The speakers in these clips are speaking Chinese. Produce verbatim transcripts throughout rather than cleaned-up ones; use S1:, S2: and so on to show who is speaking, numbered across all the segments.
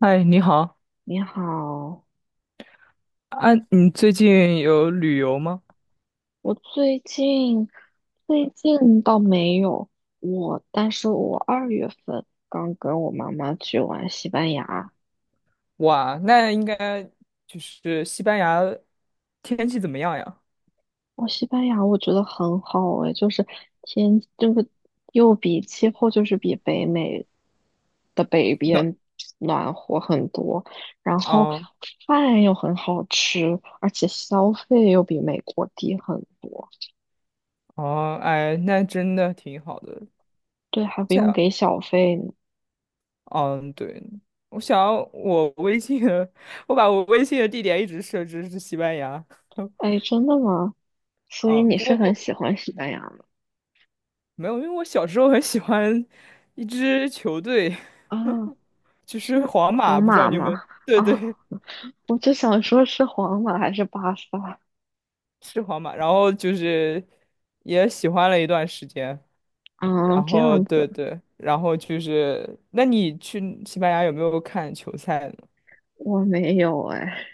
S1: 嗨，你好
S2: 你好，
S1: 啊！你最近有旅游吗？
S2: 我最近最近倒没有我，但是我二月份刚跟我妈妈去玩西班牙。
S1: 哇，那应该就是西班牙天气怎么样呀？
S2: 我西班牙我觉得很好诶，就是天这个又比气候就是比北美的北
S1: 那
S2: 边暖和很多，然后
S1: 哦
S2: 饭又很好吃，而且消费又比美国低很多。
S1: 哦，哎，那真的挺好的。
S2: 对，还不用
S1: 想，
S2: 给小费，
S1: 嗯，对，我想我微信的 我把我微信的地点一直设置是西班牙。
S2: 哎，真的吗？所以
S1: 啊，
S2: 你
S1: 不
S2: 是很
S1: 过
S2: 喜欢西班牙的
S1: 没有，因为我小时候很喜欢一支球队，
S2: 啊，
S1: 就是
S2: 是
S1: 皇马，
S2: 皇
S1: 不知道
S2: 马
S1: 你
S2: 吗？
S1: 们，对
S2: 啊，
S1: 对，
S2: 我就想说是皇马还是巴萨？
S1: 是皇马，然后就是也喜欢了一段时间，
S2: 啊？
S1: 然
S2: 这
S1: 后
S2: 样子，
S1: 对对，然后就是，那你去西班牙有没有看球赛呢？
S2: 我没有哎。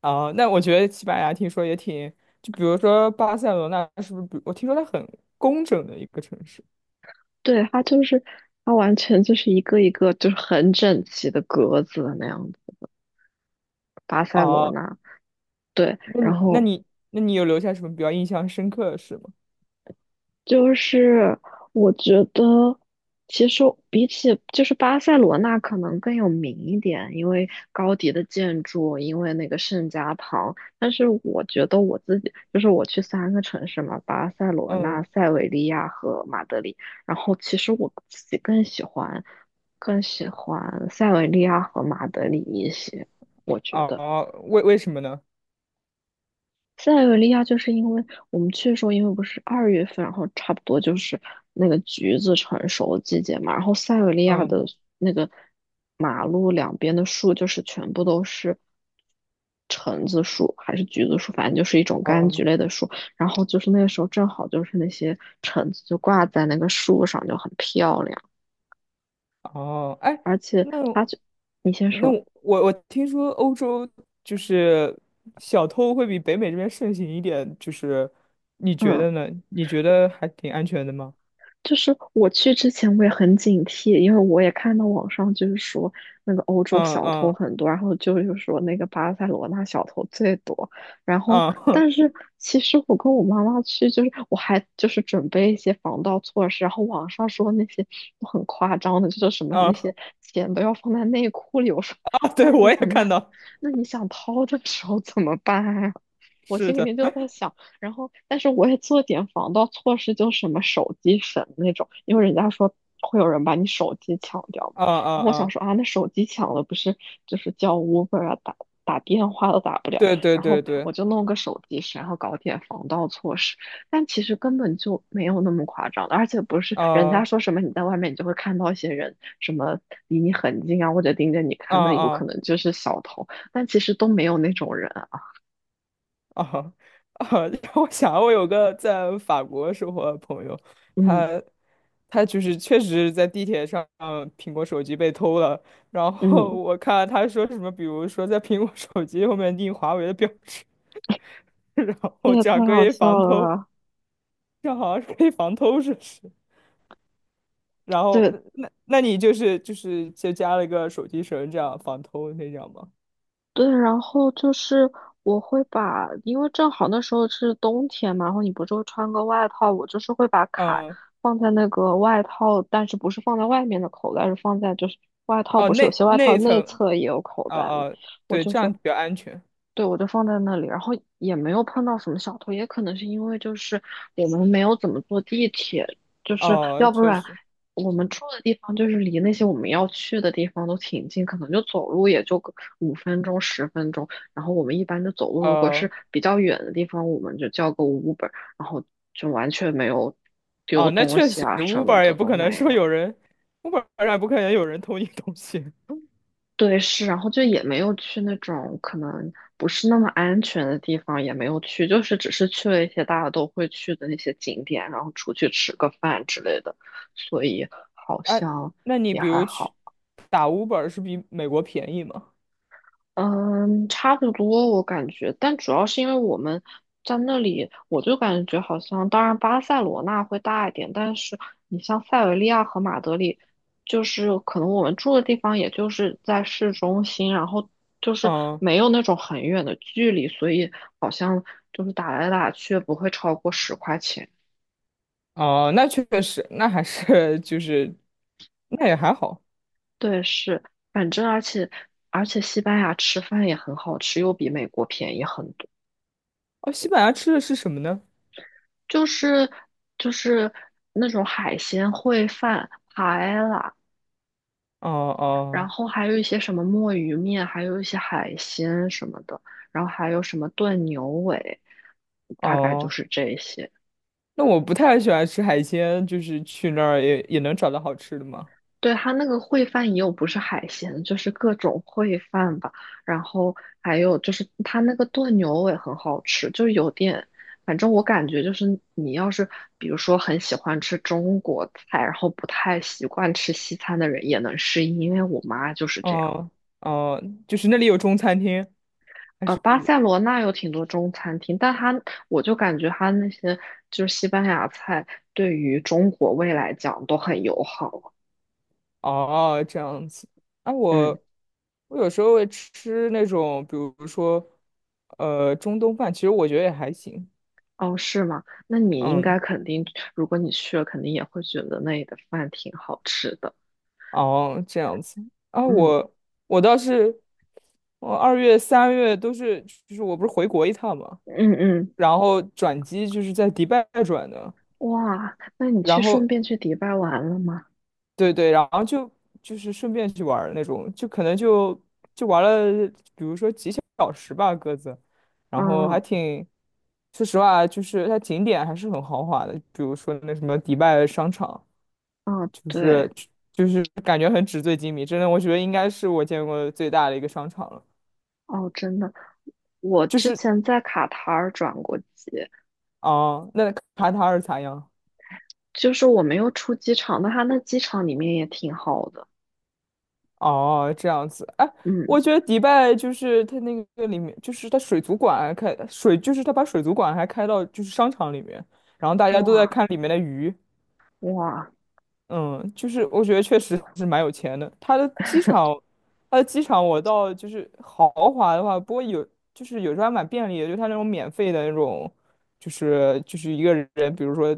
S1: 啊、那我觉得西班牙听说也挺，就比如说巴塞罗那是不是比？我听说它很工整的一个城市。
S2: 对，它就是它完全就是一个一个就是很整齐的格子那样子。巴塞罗
S1: 哦、
S2: 那，对，
S1: 那你
S2: 然
S1: 那
S2: 后
S1: 你那你有留下什么比较印象深刻的事吗？
S2: 就是我觉得，其实比起就是巴塞罗那可能更有名一点，因为高迪的建筑，因为那个圣家堂。但是我觉得我自己，就是我去三个城市嘛，巴塞罗那、
S1: 嗯，
S2: 塞维利亚和马德里。然后其实我自己更喜欢，更喜欢塞维利亚和马德里一些，我觉得。
S1: 哦，为为什么呢？
S2: 塞尔维利亚就是因为我们去的时候，因为不是二月份，然后差不多就是那个橘子成熟的季节嘛，然后塞尔维利亚
S1: 嗯，
S2: 的那个马路两边的树就是全部都是橙子树还是橘子树，反正就是一种柑橘
S1: 哦。
S2: 类的树。然后就是那个时候正好就是那些橙子就挂在那个树上，就很漂亮。
S1: 哦，哎，
S2: 而且
S1: 那
S2: 它就，你先
S1: 那
S2: 说，
S1: 我我听说欧洲就是小偷会比北美这边盛行一点，就是你觉
S2: 嗯。
S1: 得呢？你觉得还挺安全的吗？
S2: 就是我去之前我也很警惕，因为我也看到网上就是说那个欧洲
S1: 嗯
S2: 小偷
S1: 嗯
S2: 很多，然后就是说那个巴塞罗那小偷最多。然后，
S1: 嗯
S2: 但是其实我跟我妈妈去，就是我还就是准备一些防盗措施，然后网上说那些都很夸张的，就是什么那
S1: 嗯
S2: 些钱都要放在内裤里。我说，
S1: 啊！对，
S2: 那你
S1: 我也
S2: 怎么，
S1: 看到，
S2: 那你想掏的时候怎么办呀？我
S1: 是
S2: 心里
S1: 的，
S2: 面就在想，然后但是我也做点防盗措施，就什么手机绳那种，因为人家说会有人把你手机抢掉嘛。
S1: 啊啊
S2: 然后我想
S1: 啊，
S2: 说啊，那手机抢了不是就是叫 Uber 啊，打打电话都打不了，
S1: 对对
S2: 然
S1: 对
S2: 后
S1: 对，
S2: 我就弄个手机绳，然后搞点防盗措施。但其实根本就没有那么夸张的，而且不是人家
S1: 啊
S2: 说什么你在外面你就会看到一些人什么离你很近啊，或者盯着你
S1: 啊
S2: 看，那有
S1: 啊。
S2: 可能
S1: 嗯
S2: 就是小偷，但其实都没有那种人啊。
S1: 啊啊！让我想，我有个在法国生活的朋友，
S2: 嗯
S1: 他他就是确实在地铁上苹果手机被偷了，然后
S2: 嗯。
S1: 我看他说什么，比如说在苹果手机后面印华为的标志，然
S2: 这
S1: 后
S2: 也
S1: 这
S2: 太
S1: 样可
S2: 好
S1: 以
S2: 笑
S1: 防
S2: 了
S1: 偷，
S2: 吧！
S1: 这样好像是可以防偷，是不是？然后
S2: 对
S1: 那那你就是就是就加了一个手机绳，这样防偷那样吗？
S2: 对，然后就是我会把，因为正好那时候是冬天嘛，然后你不是会穿个外套，我就是会把卡
S1: 嗯，
S2: 放在那个外套，但是不是放在外面的口袋，是放在就是外套，
S1: 哦，
S2: 不是有
S1: 那
S2: 些外
S1: 那
S2: 套
S1: 一
S2: 内
S1: 层，
S2: 侧也有口
S1: 哦
S2: 袋嘛，
S1: 哦，
S2: 我
S1: 对，
S2: 就
S1: 这样
S2: 是
S1: 比较安全。
S2: 对，我就放在那里，然后也没有碰到什么小偷，也可能是因为就是我们没有怎么坐地铁，就是
S1: 哦，
S2: 要不
S1: 确
S2: 然
S1: 实。
S2: 我们住的地方就是离那些我们要去的地方都挺近，可能就走路也就个五分钟、十分钟，然后我们一般就走路，如果
S1: 呃，
S2: 是比较远的地方，我们就叫个 Uber，然后就完全没有丢
S1: 啊，那
S2: 东
S1: 确
S2: 西
S1: 实
S2: 啊什么
S1: ，Uber 也
S2: 的
S1: 不
S2: 都
S1: 可能
S2: 没
S1: 说有
S2: 有。
S1: 人，Uber 上也不可能有人偷你东西
S2: 对，是，然后就也没有去那种可能不是那么安全的地方，也没有去，就是只是去了一些大家都会去的那些景点，然后出去吃个饭之类的，所以好
S1: 啊。
S2: 像
S1: 那你
S2: 也
S1: 比
S2: 还
S1: 如去
S2: 好。
S1: 打 Uber 是比美国便宜吗？
S2: 嗯，差不多，我感觉，但主要是因为我们在那里，我就感觉好像，当然巴塞罗那会大一点，但是你像塞维利亚和马德里，就是可能我们住的地方，也就是在市中心，然后就是
S1: 嗯，
S2: 没有那种很远的距离，所以好像就是打来打去不会超过十块钱。
S1: 哦，那确实，那还是 就是，那也还好。
S2: 对，是，反正而且而且西班牙吃饭也很好吃，又比美国便宜很多。
S1: 哦，西班牙吃的是什么呢？
S2: 就是就是那种海鲜烩饭、海啦，
S1: 哦
S2: 然
S1: 哦
S2: 后还有一些什么墨鱼面，还有一些海鲜什么的，然后还有什么炖牛尾，大概就
S1: 哦，
S2: 是这些。
S1: 那我不太喜欢吃海鲜，就是去那儿也也能找到好吃的吗？
S2: 对，它那个烩饭也有不是海鲜，就是各种烩饭吧。然后还有就是它那个炖牛尾很好吃，就有点，反正我感觉就是你要是比如说很喜欢吃中国菜，然后不太习惯吃西餐的人也能适应，因为我妈就是这样。
S1: 哦哦，就是那里有中餐厅，还
S2: 呃，巴塞罗那有挺多中餐厅，但它我就感觉它那些就是西班牙菜对于中国胃来讲都很友好。
S1: 哦，这样子。啊，
S2: 嗯。
S1: 我我有时候会吃那种，比如说，呃，中东饭，其实我觉得也还行。
S2: 哦，是吗？那你应
S1: 嗯，
S2: 该肯定，如果你去了，肯定也会觉得那里的饭挺好吃的。
S1: 哦，这样子。啊，
S2: 嗯
S1: 我我倒是，我二月、三月都是，就是我不是回国一趟嘛，
S2: 嗯嗯，
S1: 然后转机就是在迪拜转的，
S2: 哇，那你去
S1: 然
S2: 顺
S1: 后
S2: 便去迪拜玩了吗？
S1: 对对，然后就就是顺便去玩儿那种，就可能就就玩了，比如说几小时吧，各自，然后还
S2: 嗯
S1: 挺，说实话，就是它景点还是很豪华的，比如说那什么迪拜商场，
S2: 嗯，
S1: 就
S2: 对，
S1: 是就是感觉很纸醉金迷，真的，我觉得应该是我见过最大的一个商场了。
S2: 哦，真的，我
S1: 就
S2: 之
S1: 是
S2: 前在卡塔尔转过机，
S1: 啊、那卡塔尔咋样？
S2: 就是我没有出机场，但它那机场里面也挺好的。
S1: 哦，这样子，哎，
S2: 嗯，
S1: 我觉得迪拜就是它那个里面，就是它水族馆开水，就是它把水族馆还开到就是商场里面，然后大家都在
S2: 哇
S1: 看里面的鱼。
S2: 哇，
S1: 嗯，就是我觉得确实是蛮有钱的。它的机场，它的机场我到就是豪华的话，不过有就是有时候还蛮便利的，就它那种免费的那种，就是就是一个人，比如说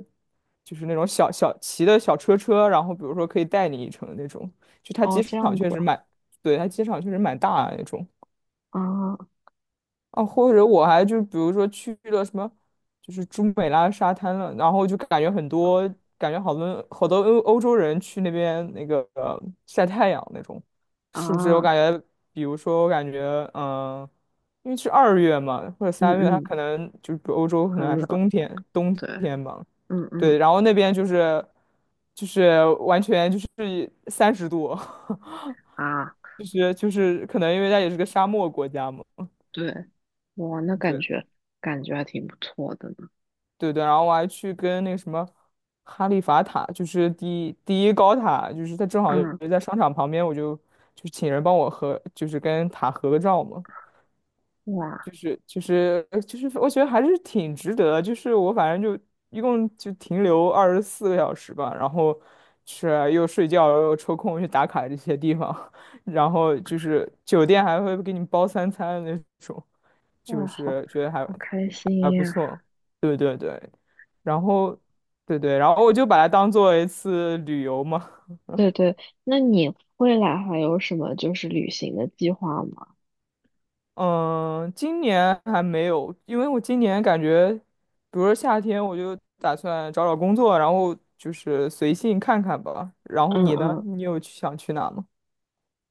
S1: 就是那种小小骑的小车车，然后比如说可以带你一程那种，就它
S2: 哦，
S1: 机
S2: 这
S1: 场
S2: 样子
S1: 确实蛮，对，它机场确实蛮大的那种。
S2: 啊
S1: 啊，或者我还就比如说去了什么，就是朱美拉沙滩了，然后就感觉很多，感觉好多好多欧欧洲人去那边那个呃晒太阳那种，是不是？我
S2: 啊，
S1: 感觉，比如说我感觉，嗯、因为是二月嘛，或者
S2: 嗯
S1: 三月，它
S2: 嗯，
S1: 可能就是欧洲可
S2: 很
S1: 能还是
S2: 冷，
S1: 冬天，冬
S2: 对，
S1: 天嘛，
S2: 嗯嗯
S1: 对，然后那边就是就是完全就是三十度，
S2: 啊。
S1: 就是就是可能因为它也是个沙漠国家嘛。
S2: 对，哇，那感
S1: 对。
S2: 觉感觉还挺不错的呢。
S1: 对对，然后我还去跟那个什么哈利法塔，就是第第一高塔，就是它正好也
S2: 嗯，
S1: 在商场旁边，我就就请人帮我合，就是跟塔合个照嘛，
S2: 哇
S1: 就是就是呃就是，我觉得还是挺值得的就是我反正就一共就停留二十四个小时吧，然后是又睡觉又抽空去打卡这些地方，然后就是酒店还会给你包三餐那种，
S2: 哇，
S1: 就
S2: 好
S1: 是觉得还
S2: 好开心
S1: 还不
S2: 呀！
S1: 错，对对对，然后对对，然后我就把它当做一次旅游嘛。
S2: 对对，那你未来还有什么就是旅行的计划吗？
S1: 嗯，今年还没有，因为我今年感觉，比如说夏天，我就打算找找工作，然后就是随性看看吧。然后
S2: 嗯
S1: 你呢？
S2: 嗯，
S1: 你有去想去哪吗？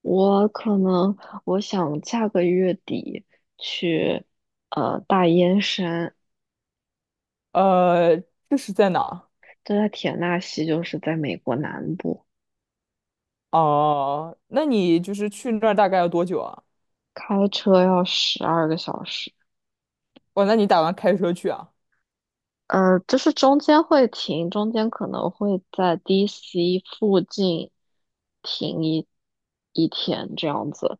S2: 我可能我想下个月底去呃大烟山，
S1: 呃，这是在哪？
S2: 就在田纳西，就是在美国南部，
S1: 哦，那你就是去那儿大概要多久啊？
S2: 开车要十二个小时。
S1: 哦，那你打算开车去啊？
S2: 呃，就是中间会停，中间可能会在 D C 附近停一一天这样子。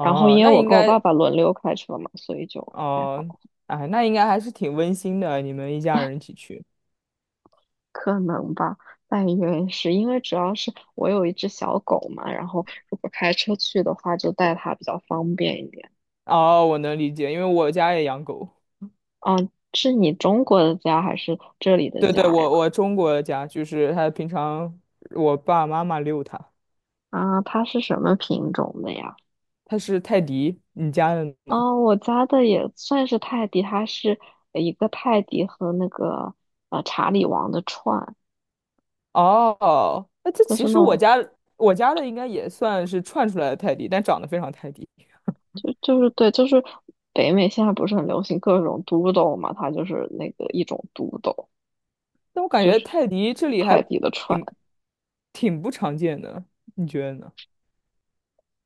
S2: 然后因为
S1: 那
S2: 我
S1: 应
S2: 跟我爸
S1: 该，
S2: 爸轮流开车嘛，所以就还
S1: 哦，
S2: 好，
S1: 哎，那应该还是挺温馨的，你们一家人一起去。
S2: 可能吧。但原是因为主要是我有一只小狗嘛，然后如果开车去的话，就带它比较方便一点。
S1: 哦，我能理解，因为我家也养狗。
S2: 啊，是你中国的家还是这里的
S1: 对
S2: 家
S1: 对，
S2: 呀？
S1: 我我中国的家就是它平常我爸爸妈妈遛它，
S2: 啊，它是什么品种的呀？
S1: 它是泰迪。你家的呢？
S2: 哦，我家的也算是泰迪，它是一个泰迪和那个呃查理王的串，
S1: 哦，那这
S2: 就
S1: 其
S2: 是那
S1: 实我
S2: 种
S1: 家我家的应该也算是串出来的泰迪，但长得非常泰迪。
S2: 就就是对，就是北美现在不是很流行各种 d o 嘛，它就是那个一种 d o
S1: 但我感觉泰迪这里还
S2: 泰迪的串。
S1: 挺挺不常见的，你觉得呢？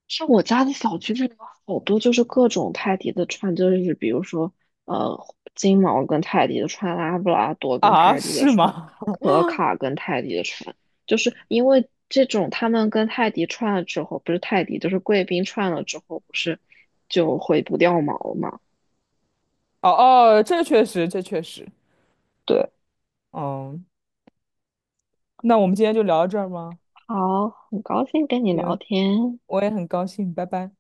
S2: 是我家的小区这里有好多就是各种泰迪的串，就是比如说呃金毛跟泰迪的串，拉布拉多跟
S1: 啊，
S2: 泰迪的
S1: 是
S2: 串，
S1: 吗？
S2: 可卡跟泰迪的串，就是因为这种他们跟泰迪串了之后，不是泰迪就是贵宾串了之后，不是就会不掉毛嘛？
S1: 哦哦，这确实，这确实。
S2: 对，
S1: 嗯，那我们今天就聊到这儿吗？
S2: 好，很高兴跟你聊
S1: 行，
S2: 天。
S1: 我也很高兴，拜拜。